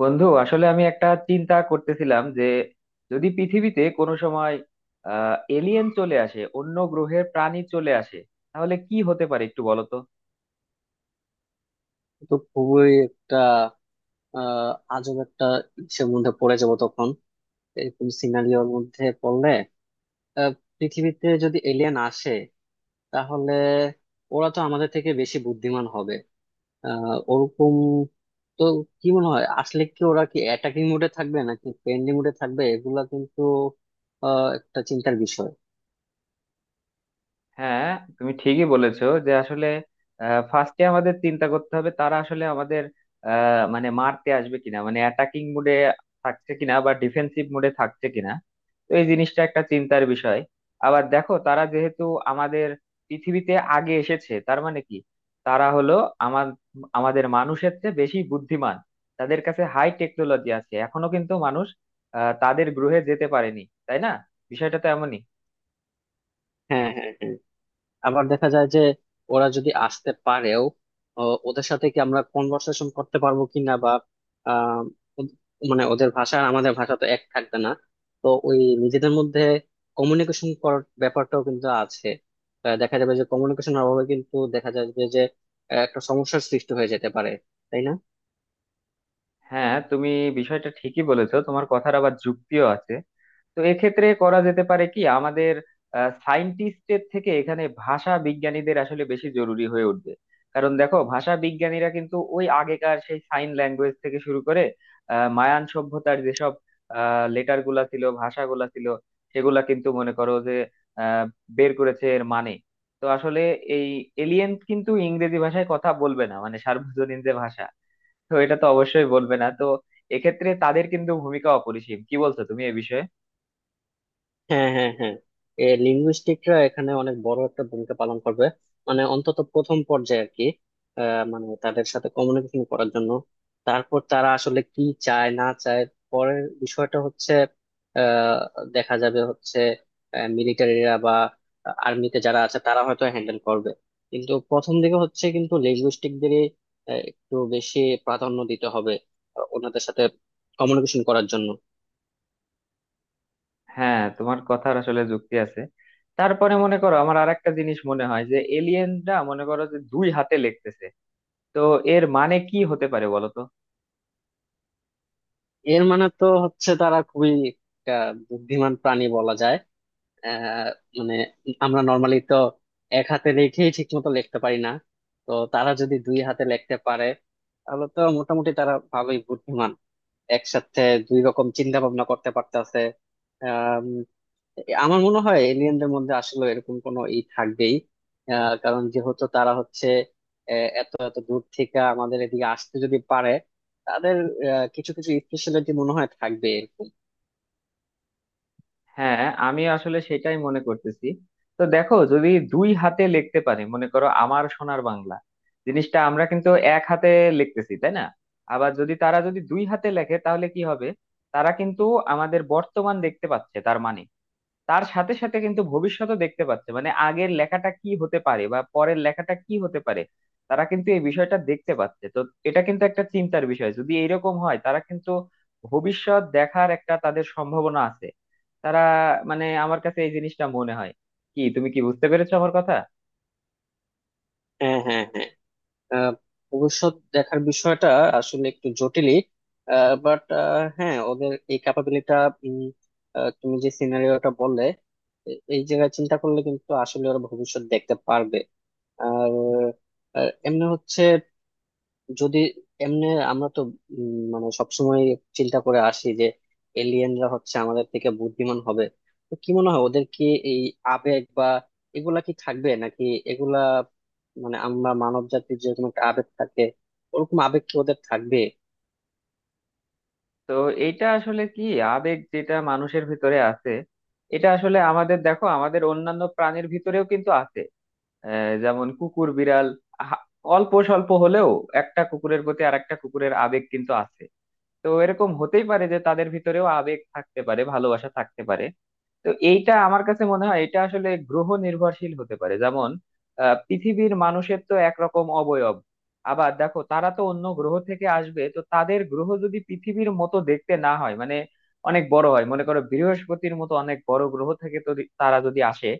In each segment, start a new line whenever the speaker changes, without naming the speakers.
বন্ধু, আসলে আমি একটা চিন্তা করতেছিলাম যে যদি পৃথিবীতে কোনো সময় এলিয়েন চলে আসে, অন্য গ্রহের প্রাণী চলে আসে, তাহলে কি হতে পারে একটু বলো তো।
তো খুবই একটা আহ আজব একটা ইসের মধ্যে পড়ে যাবো তখন, এরকম সিনারিওর মধ্যে পড়লে আহ, পৃথিবীতে যদি এলিয়েন আসে তাহলে ওরা তো আমাদের থেকে বেশি বুদ্ধিমান হবে। ওরকম তো কি মনে হয় আসলে, কি ওরা কি অ্যাটাকিং মোডে থাকবে নাকি পেন্ডিং মোডে থাকবে, এগুলা কিন্তু একটা চিন্তার বিষয়।
হ্যাঁ, তুমি ঠিকই বলেছো যে আসলে ফার্স্টে আমাদের চিন্তা করতে হবে তারা আসলে আমাদের মানে মারতে আসবে কিনা, মানে অ্যাটাকিং মুডে থাকছে কিনা বা ডিফেন্সিভ মুডে থাকছে কিনা। তো এই জিনিসটা একটা চিন্তার বিষয়। আবার দেখো, তারা যেহেতু আমাদের পৃথিবীতে আগে এসেছে, তার মানে কি তারা হলো আমার আমাদের মানুষের চেয়ে বেশি বুদ্ধিমান। তাদের কাছে হাই টেকনোলজি আছে, এখনো কিন্তু মানুষ তাদের গ্রহে যেতে পারেনি, তাই না? বিষয়টা তো এমনই।
হ্যাঁ, হ্যাঁ, হ্যাঁ। আবার দেখা যায় যে ওরা যদি আসতে পারেও, ও, ওদের সাথে কি আমরা কনভারসেশন করতে পারবো কিনা, বা আহ, ওদ- মানে ওদের ভাষা আর আমাদের ভাষা তো এক থাকবে না। তো ওই নিজেদের মধ্যে কমিউনিকেশন করার ব্যাপারটাও কিন্তু আছে। দেখা যাবে যে কমিউনিকেশনের অভাবে কিন্তু দেখা যাবে যে একটা সমস্যার সৃষ্টি হয়ে যেতে পারে, তাই না?
হ্যাঁ, তুমি বিষয়টা ঠিকই বলেছো, তোমার কথার আবার যুক্তিও আছে। তো এক্ষেত্রে করা যেতে পারে কি, আমাদের সায়েন্টিস্টের থেকে এখানে ভাষা বিজ্ঞানীদের আসলে বেশি জরুরি হয়ে উঠবে। কারণ দেখো, ভাষা বিজ্ঞানীরা কিন্তু ওই আগেকার সেই সাইন ল্যাঙ্গুয়েজ থেকে শুরু করে মায়ান সভ্যতার যেসব লেটার গুলা ছিল, ভাষাগুলা ছিল, সেগুলা কিন্তু মনে করো যে আহ, বের করেছে, এর মানে। তো আসলে এই এলিয়েন কিন্তু ইংরেজি ভাষায় কথা বলবে না, মানে সার্বজনীন যে ভাষা, তো এটা তো অবশ্যই বলবে না। তো এক্ষেত্রে তাদের কিন্তু ভূমিকা অপরিসীম। কি বলছো তুমি এ বিষয়ে?
হ্যাঁ, হ্যাঁ, হ্যাঁ। এ লিঙ্গুইস্টিকরা এখানে অনেক বড় একটা ভূমিকা পালন করবে, মানে অন্তত প্রথম পর্যায়ে আর কি। মানে তাদের সাথে কমিউনিকেশন করার জন্য। তারপর তারা আসলে কি চায় না চায়, পরের বিষয়টা হচ্ছে আহ, দেখা যাবে হচ্ছে মিলিটারিরা বা আর্মিতে যারা আছে তারা হয়তো হ্যান্ডেল করবে। কিন্তু প্রথম দিকে হচ্ছে কিন্তু লিঙ্গুইস্টিকদেরই একটু বেশি প্রাধান্য দিতে হবে, ওনাদের সাথে কমিউনিকেশন করার জন্য।
হ্যাঁ, তোমার কথার আসলে যুক্তি আছে। তারপরে মনে করো, আমার আর একটা জিনিস মনে হয় যে এলিয়েনরা মনে করো যে দুই হাতে লিখতেছে। তো এর মানে কি হতে পারে বলো তো?
এর মানে তো হচ্ছে তারা খুবই একটা বুদ্ধিমান প্রাণী বলা যায়। আহ মানে আমরা নর্মালি তো এক হাতে লিখেই ঠিক মতো লিখতে পারি না। তো তারা যদি দুই হাতে লিখতে পারে তাহলে তো মোটামুটি তারা ভালোই বুদ্ধিমান, একসাথে দুই রকম চিন্তা ভাবনা করতে পারতেছে। আমার মনে হয় এলিয়েনদের মধ্যে আসলে এরকম কোনো ই থাকবেই। কারণ যেহেতু তারা হচ্ছে এত এত দূর থেকে আমাদের এদিকে আসতে যদি পারে, তাদের কিছু কিছু স্পেশালিটি মনে হয় থাকবে এরকম।
হ্যাঁ, আমি আসলে সেটাই মনে করতেছি। তো দেখো, যদি দুই হাতে লিখতে পারে, মনে করো আমার সোনার বাংলা জিনিসটা আমরা কিন্তু এক হাতে লিখতেছি, তাই না? আবার যদি তারা যদি দুই হাতে লেখে তাহলে কি হবে? তারা কিন্তু আমাদের বর্তমান দেখতে পাচ্ছে, তার মানে তার সাথে সাথে কিন্তু ভবিষ্যতও দেখতে পাচ্ছে, মানে আগের লেখাটা কি হতে পারে বা পরের লেখাটা কি হতে পারে, তারা কিন্তু এই বিষয়টা দেখতে পাচ্ছে। তো এটা কিন্তু একটা চিন্তার বিষয়। যদি এরকম হয়, তারা কিন্তু ভবিষ্যৎ দেখার একটা তাদের সম্ভাবনা আছে। তারা মানে আমার কাছে এই জিনিসটা মনে হয়। কি, তুমি কি বুঝতে পেরেছো আমার কথা?
হ্যাঁ, হ্যাঁ, হ্যাঁ। আহ, ভবিষ্যৎ দেখার বিষয়টা আসলে একটু জটিলই, বাট হ্যাঁ, ওদের এই ক্যাপাবিলিটা, তুমি যে সিনারিওটা বললে এই জায়গায় চিন্তা করলে কিন্তু আসলে ওরা ভবিষ্যৎ দেখতে পারবে। আর এমনি হচ্ছে, যদি এমনি, আমরা তো মানে সবসময় চিন্তা করে আসি যে এলিয়েনরা হচ্ছে আমাদের থেকে বুদ্ধিমান হবে। তো কি মনে হয় ওদের কি এই আবেগ বা এগুলা কি থাকবে নাকি? এগুলা মানে আমরা মানব জাতির যেরকম একটা আবেগ থাকে, ওরকম আবেগ কি ওদের থাকবে?
তো এইটা আসলে কি, আবেগ যেটা মানুষের ভিতরে আছে, এটা আসলে আমাদের, দেখো, আমাদের অন্যান্য প্রাণীর ভিতরেও কিন্তু আছে। যেমন কুকুর, বিড়াল, হা- অল্প স্বল্প হলেও একটা কুকুরের প্রতি আর একটা কুকুরের আবেগ কিন্তু আছে। তো এরকম হতেই পারে যে তাদের ভিতরেও আবেগ থাকতে পারে, ভালোবাসা থাকতে পারে। তো এইটা আমার কাছে মনে হয়, এটা আসলে গ্রহ নির্ভরশীল হতে পারে। যেমন, পৃথিবীর মানুষের তো একরকম অবয়ব। আবার দেখো, তারা তো অন্য গ্রহ থেকে আসবে, তো তাদের গ্রহ যদি পৃথিবীর মতো দেখতে না হয়, মানে অনেক বড় হয়, মনে করো বৃহস্পতির মতো অনেক বড় গ্রহ থেকে, তো তারা যদি আসে,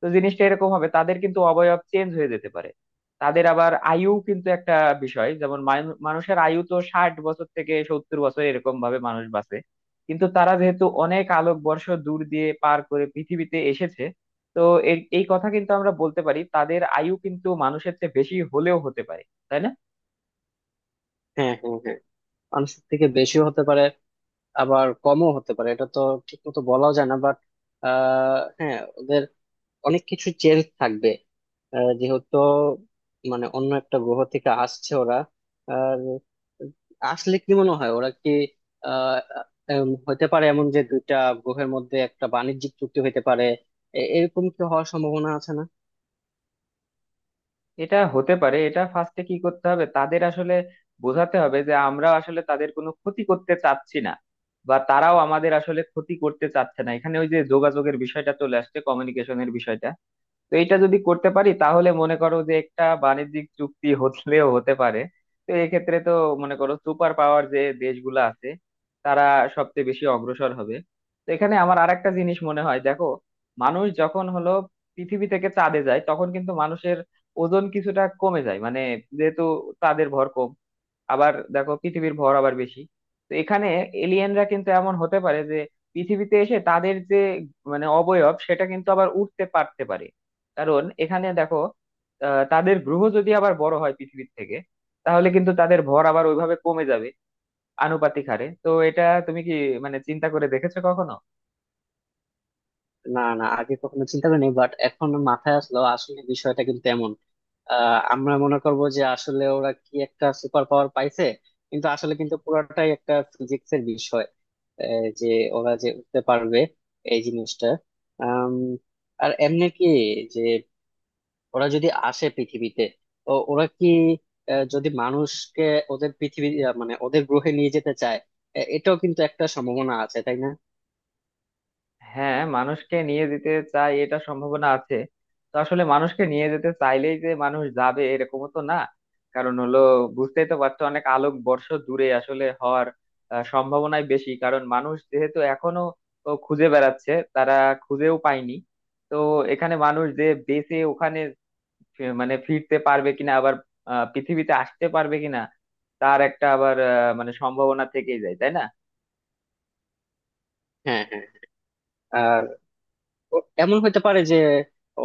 তো জিনিসটা এরকম হবে, তাদের কিন্তু অবয়ব চেঞ্জ হয়ে যেতে পারে। তাদের আবার আয়ু কিন্তু একটা বিষয়। যেমন, মানুষের আয়ু তো 60 বছর থেকে 70 বছর, এরকম ভাবে মানুষ বাঁচে। কিন্তু তারা যেহেতু অনেক আলোকবর্ষ দূর দিয়ে পার করে পৃথিবীতে এসেছে, তো এই কথা কিন্তু আমরা বলতে পারি, তাদের আয়ু কিন্তু মানুষের চেয়ে বেশি হলেও হতে পারে, তাই না?
হ্যাঁ, হ্যাঁ, হ্যাঁ। মানুষের থেকে বেশিও হতে পারে, আবার কমও হতে পারে, এটা তো ঠিক মতো বলাও যায় না। বাট হ্যাঁ, ওদের অনেক কিছু চেঞ্জ থাকবে, যেহেতু মানে অন্য একটা গ্রহ থেকে আসছে ওরা। আর আসলে কি মনে হয় ওরা কি আহ হতে পারে এমন যে দুইটা গ্রহের মধ্যে একটা বাণিজ্যিক চুক্তি হতে পারে? এরকম কি হওয়ার সম্ভাবনা আছে না?
এটা হতে পারে। এটা ফার্স্টে কি করতে হবে, তাদের আসলে বোঝাতে হবে যে আমরা আসলে তাদের কোনো ক্ষতি করতে চাচ্ছি না, বা তারাও আমাদের আসলে ক্ষতি করতে চাচ্ছে না। এখানে ওই যে যোগাযোগের বিষয়টা চলে আসছে, কমিউনিকেশনের বিষয়টা। তো এটা যদি করতে পারি তাহলে মনে করো যে একটা বাণিজ্যিক চুক্তি হলেও হতে পারে। তো এক্ষেত্রে তো, মনে করো সুপার পাওয়ার যে দেশগুলো আছে, তারা সবচেয়ে বেশি অগ্রসর হবে। তো এখানে আমার আরেকটা জিনিস মনে হয়, দেখো, মানুষ যখন হলো পৃথিবী থেকে চাঁদে যায়, তখন কিন্তু মানুষের ওজন কিছুটা কমে যায়, মানে যেহেতু চাঁদের ভর কম, আবার দেখো পৃথিবীর ভর আবার বেশি। তো এখানে এলিয়েনরা কিন্তু এমন হতে পারে যে পৃথিবীতে এসে তাদের যে মানে অবয়ব, সেটা কিন্তু আবার উঠতে পারতে পারে। কারণ এখানে দেখো, তাদের গ্রহ যদি আবার বড় হয় পৃথিবীর থেকে, তাহলে কিন্তু তাদের ভর আবার ওইভাবে কমে যাবে, আনুপাতিক হারে। তো এটা তুমি কি মানে চিন্তা করে দেখেছো কখনো?
না, না, আগে কখনো চিন্তা করিনি, বাট এখন মাথায় আসলো, আসলে বিষয়টা কিন্তু এমন। আমরা মনে করবো যে আসলে ওরা কি একটা সুপার পাওয়ার পাইছে, কিন্তু আসলে কিন্তু পুরোটাই একটা ফিজিক্স এর বিষয়। যে ওরা যে উঠতে পারবে এই জিনিসটা। আম, আর এমনি কি, যে ওরা যদি আসে পৃথিবীতে, তো ওরা কি যদি মানুষকে ওদের পৃথিবী মানে ওদের গ্রহে নিয়ে যেতে চায়, এটাও কিন্তু একটা সম্ভাবনা আছে, তাই না?
হ্যাঁ, মানুষকে নিয়ে যেতে চাই, এটা সম্ভাবনা আছে। তো আসলে মানুষকে নিয়ে যেতে চাইলেই যে মানুষ যাবে, এরকমও তো না। কারণ হলো, বুঝতেই তো পারছো, অনেক আলোক বর্ষ দূরে আসলে হওয়ার সম্ভাবনাই বেশি। কারণ মানুষ যেহেতু এখনো ও খুঁজে বেড়াচ্ছে, তারা খুঁজেও পায়নি। তো এখানে মানুষ যে বেঁচে ওখানে মানে ফিরতে পারবে কিনা, আবার পৃথিবীতে আসতে পারবে কিনা, তার একটা আবার মানে সম্ভাবনা থেকেই যায়, তাই না?
হ্যাঁ, হ্যাঁ। আর এমন হতে পারে যে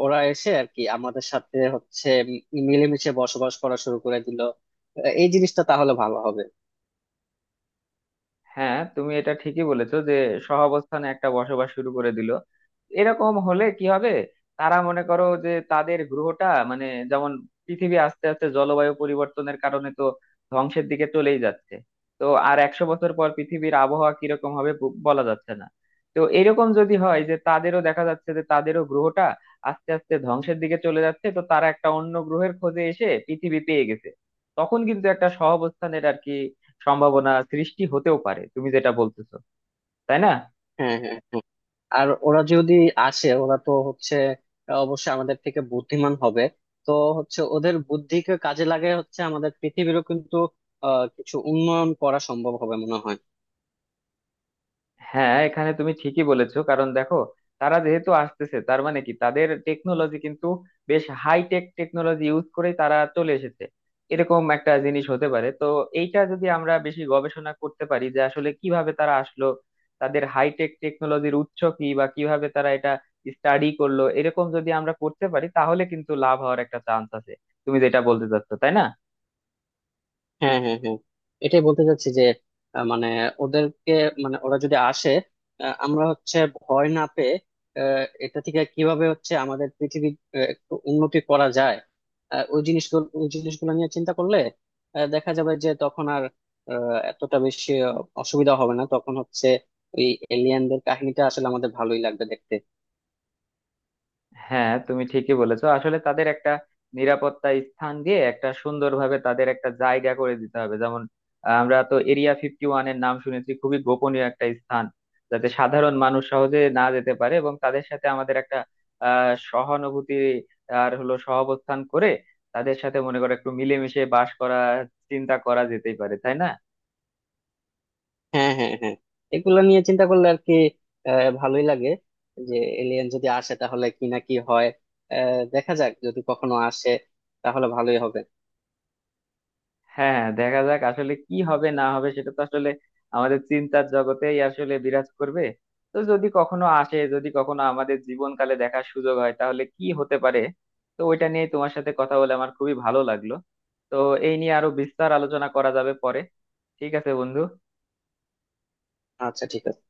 ওরা এসে আর কি আমাদের সাথে হচ্ছে মিলেমিশে বসবাস করা শুরু করে দিল। এই জিনিসটা তাহলে ভালো হবে।
হ্যাঁ, তুমি এটা ঠিকই বলেছো যে সহাবস্থানে একটা বসবাস শুরু করে দিল, এরকম হলে কি হবে? তারা মনে করো যে তাদের গ্রহটা, মানে যেমন পৃথিবী আস্তে আস্তে জলবায়ু পরিবর্তনের কারণে তো ধ্বংসের দিকে চলেই যাচ্ছে, তো আর 100 বছর পর পৃথিবীর আবহাওয়া কিরকম হবে বলা যাচ্ছে না। তো এরকম যদি হয় যে তাদেরও দেখা যাচ্ছে যে তাদেরও গ্রহটা আস্তে আস্তে ধ্বংসের দিকে চলে যাচ্ছে, তো তারা একটা অন্য গ্রহের খোঁজে এসে পৃথিবী পেয়ে গেছে, তখন কিন্তু একটা সহাবস্থানের, আর কি, সম্ভাবনা সৃষ্টি হতেও পারে, তুমি যেটা বলতেছো, তাই না?
হ্যাঁ, হ্যাঁ, হ্যাঁ। আর ওরা যদি আসে, ওরা তো হচ্ছে অবশ্যই আমাদের থেকে বুদ্ধিমান হবে। তো হচ্ছে ওদের বুদ্ধিকে কাজে লাগিয়ে হচ্ছে আমাদের পৃথিবীরও কিন্তু কিছু উন্নয়ন করা সম্ভব হবে মনে হয়।
হ্যাঁ, এখানে তুমি ঠিকই বলেছো। কারণ দেখো, তারা যেহেতু আসতেছে, তার মানে কি, তাদের টেকনোলজি কিন্তু বেশ হাই টেক টেকনোলজি ইউজ করেই তারা চলে এসেছে, এরকম একটা জিনিস হতে পারে। তো এইটা যদি আমরা বেশি গবেষণা করতে পারি যে আসলে কিভাবে তারা আসলো, তাদের হাই টেক টেকনোলজির উৎস কি, বা কিভাবে তারা এটা স্টাডি করলো, এরকম যদি আমরা করতে পারি তাহলে কিন্তু লাভ হওয়ার একটা চান্স আছে, তুমি যেটা বলতে চাচ্ছো, তাই না?
হ্যাঁ, হ্যাঁ, হ্যাঁ। এটাই বলতে চাচ্ছি যে মানে ওদেরকে, মানে ওরা যদি আসে, আমরা হচ্ছে ভয় না পেয়ে এটা থেকে কিভাবে হচ্ছে আমাদের পৃথিবী একটু উন্নতি করা যায়, ওই জিনিসগুলো ওই জিনিসগুলো নিয়ে চিন্তা করলে দেখা যাবে যে তখন আর এতটা বেশি অসুবিধা হবে না। তখন হচ্ছে এই এলিয়েনদের কাহিনীটা আসলে আমাদের ভালোই লাগবে দেখতে।
হ্যাঁ, তুমি ঠিকই বলেছো। আসলে তাদের একটা নিরাপত্তা স্থান দিয়ে একটা সুন্দরভাবে তাদের একটা জায়গা করে দিতে হবে। যেমন, আমরা তো এরিয়া 51 এর নাম শুনেছি, খুবই গোপনীয় একটা স্থান, যাতে সাধারণ মানুষ সহজে না যেতে পারে। এবং তাদের সাথে আমাদের একটা সহানুভূতি আর হলো সহাবস্থান করে, তাদের সাথে মনে করো একটু মিলেমিশে বাস করা, চিন্তা করা যেতেই পারে, তাই না?
হ্যাঁ, হ্যাঁ, হ্যাঁ। এগুলো নিয়ে চিন্তা করলে আর কি ভালোই লাগে যে এলিয়েন যদি আসে তাহলে কি না কি হয়। দেখা যাক, যদি কখনো আসে তাহলে ভালোই হবে।
হ্যাঁ হ্যাঁ, দেখা যাক আসলে কি হবে না হবে, সেটা তো আসলে আমাদের চিন্তার জগতেই আসলে বিরাজ করবে। তো যদি কখনো আসে, যদি কখনো আমাদের জীবনকালে দেখার সুযোগ হয়, তাহলে কি হতে পারে। তো ওইটা নিয়ে তোমার সাথে কথা বলে আমার খুবই ভালো লাগলো। তো এই নিয়ে আরো বিস্তার আলোচনা করা যাবে পরে। ঠিক আছে বন্ধু।
আচ্ছা, ঠিক আছে।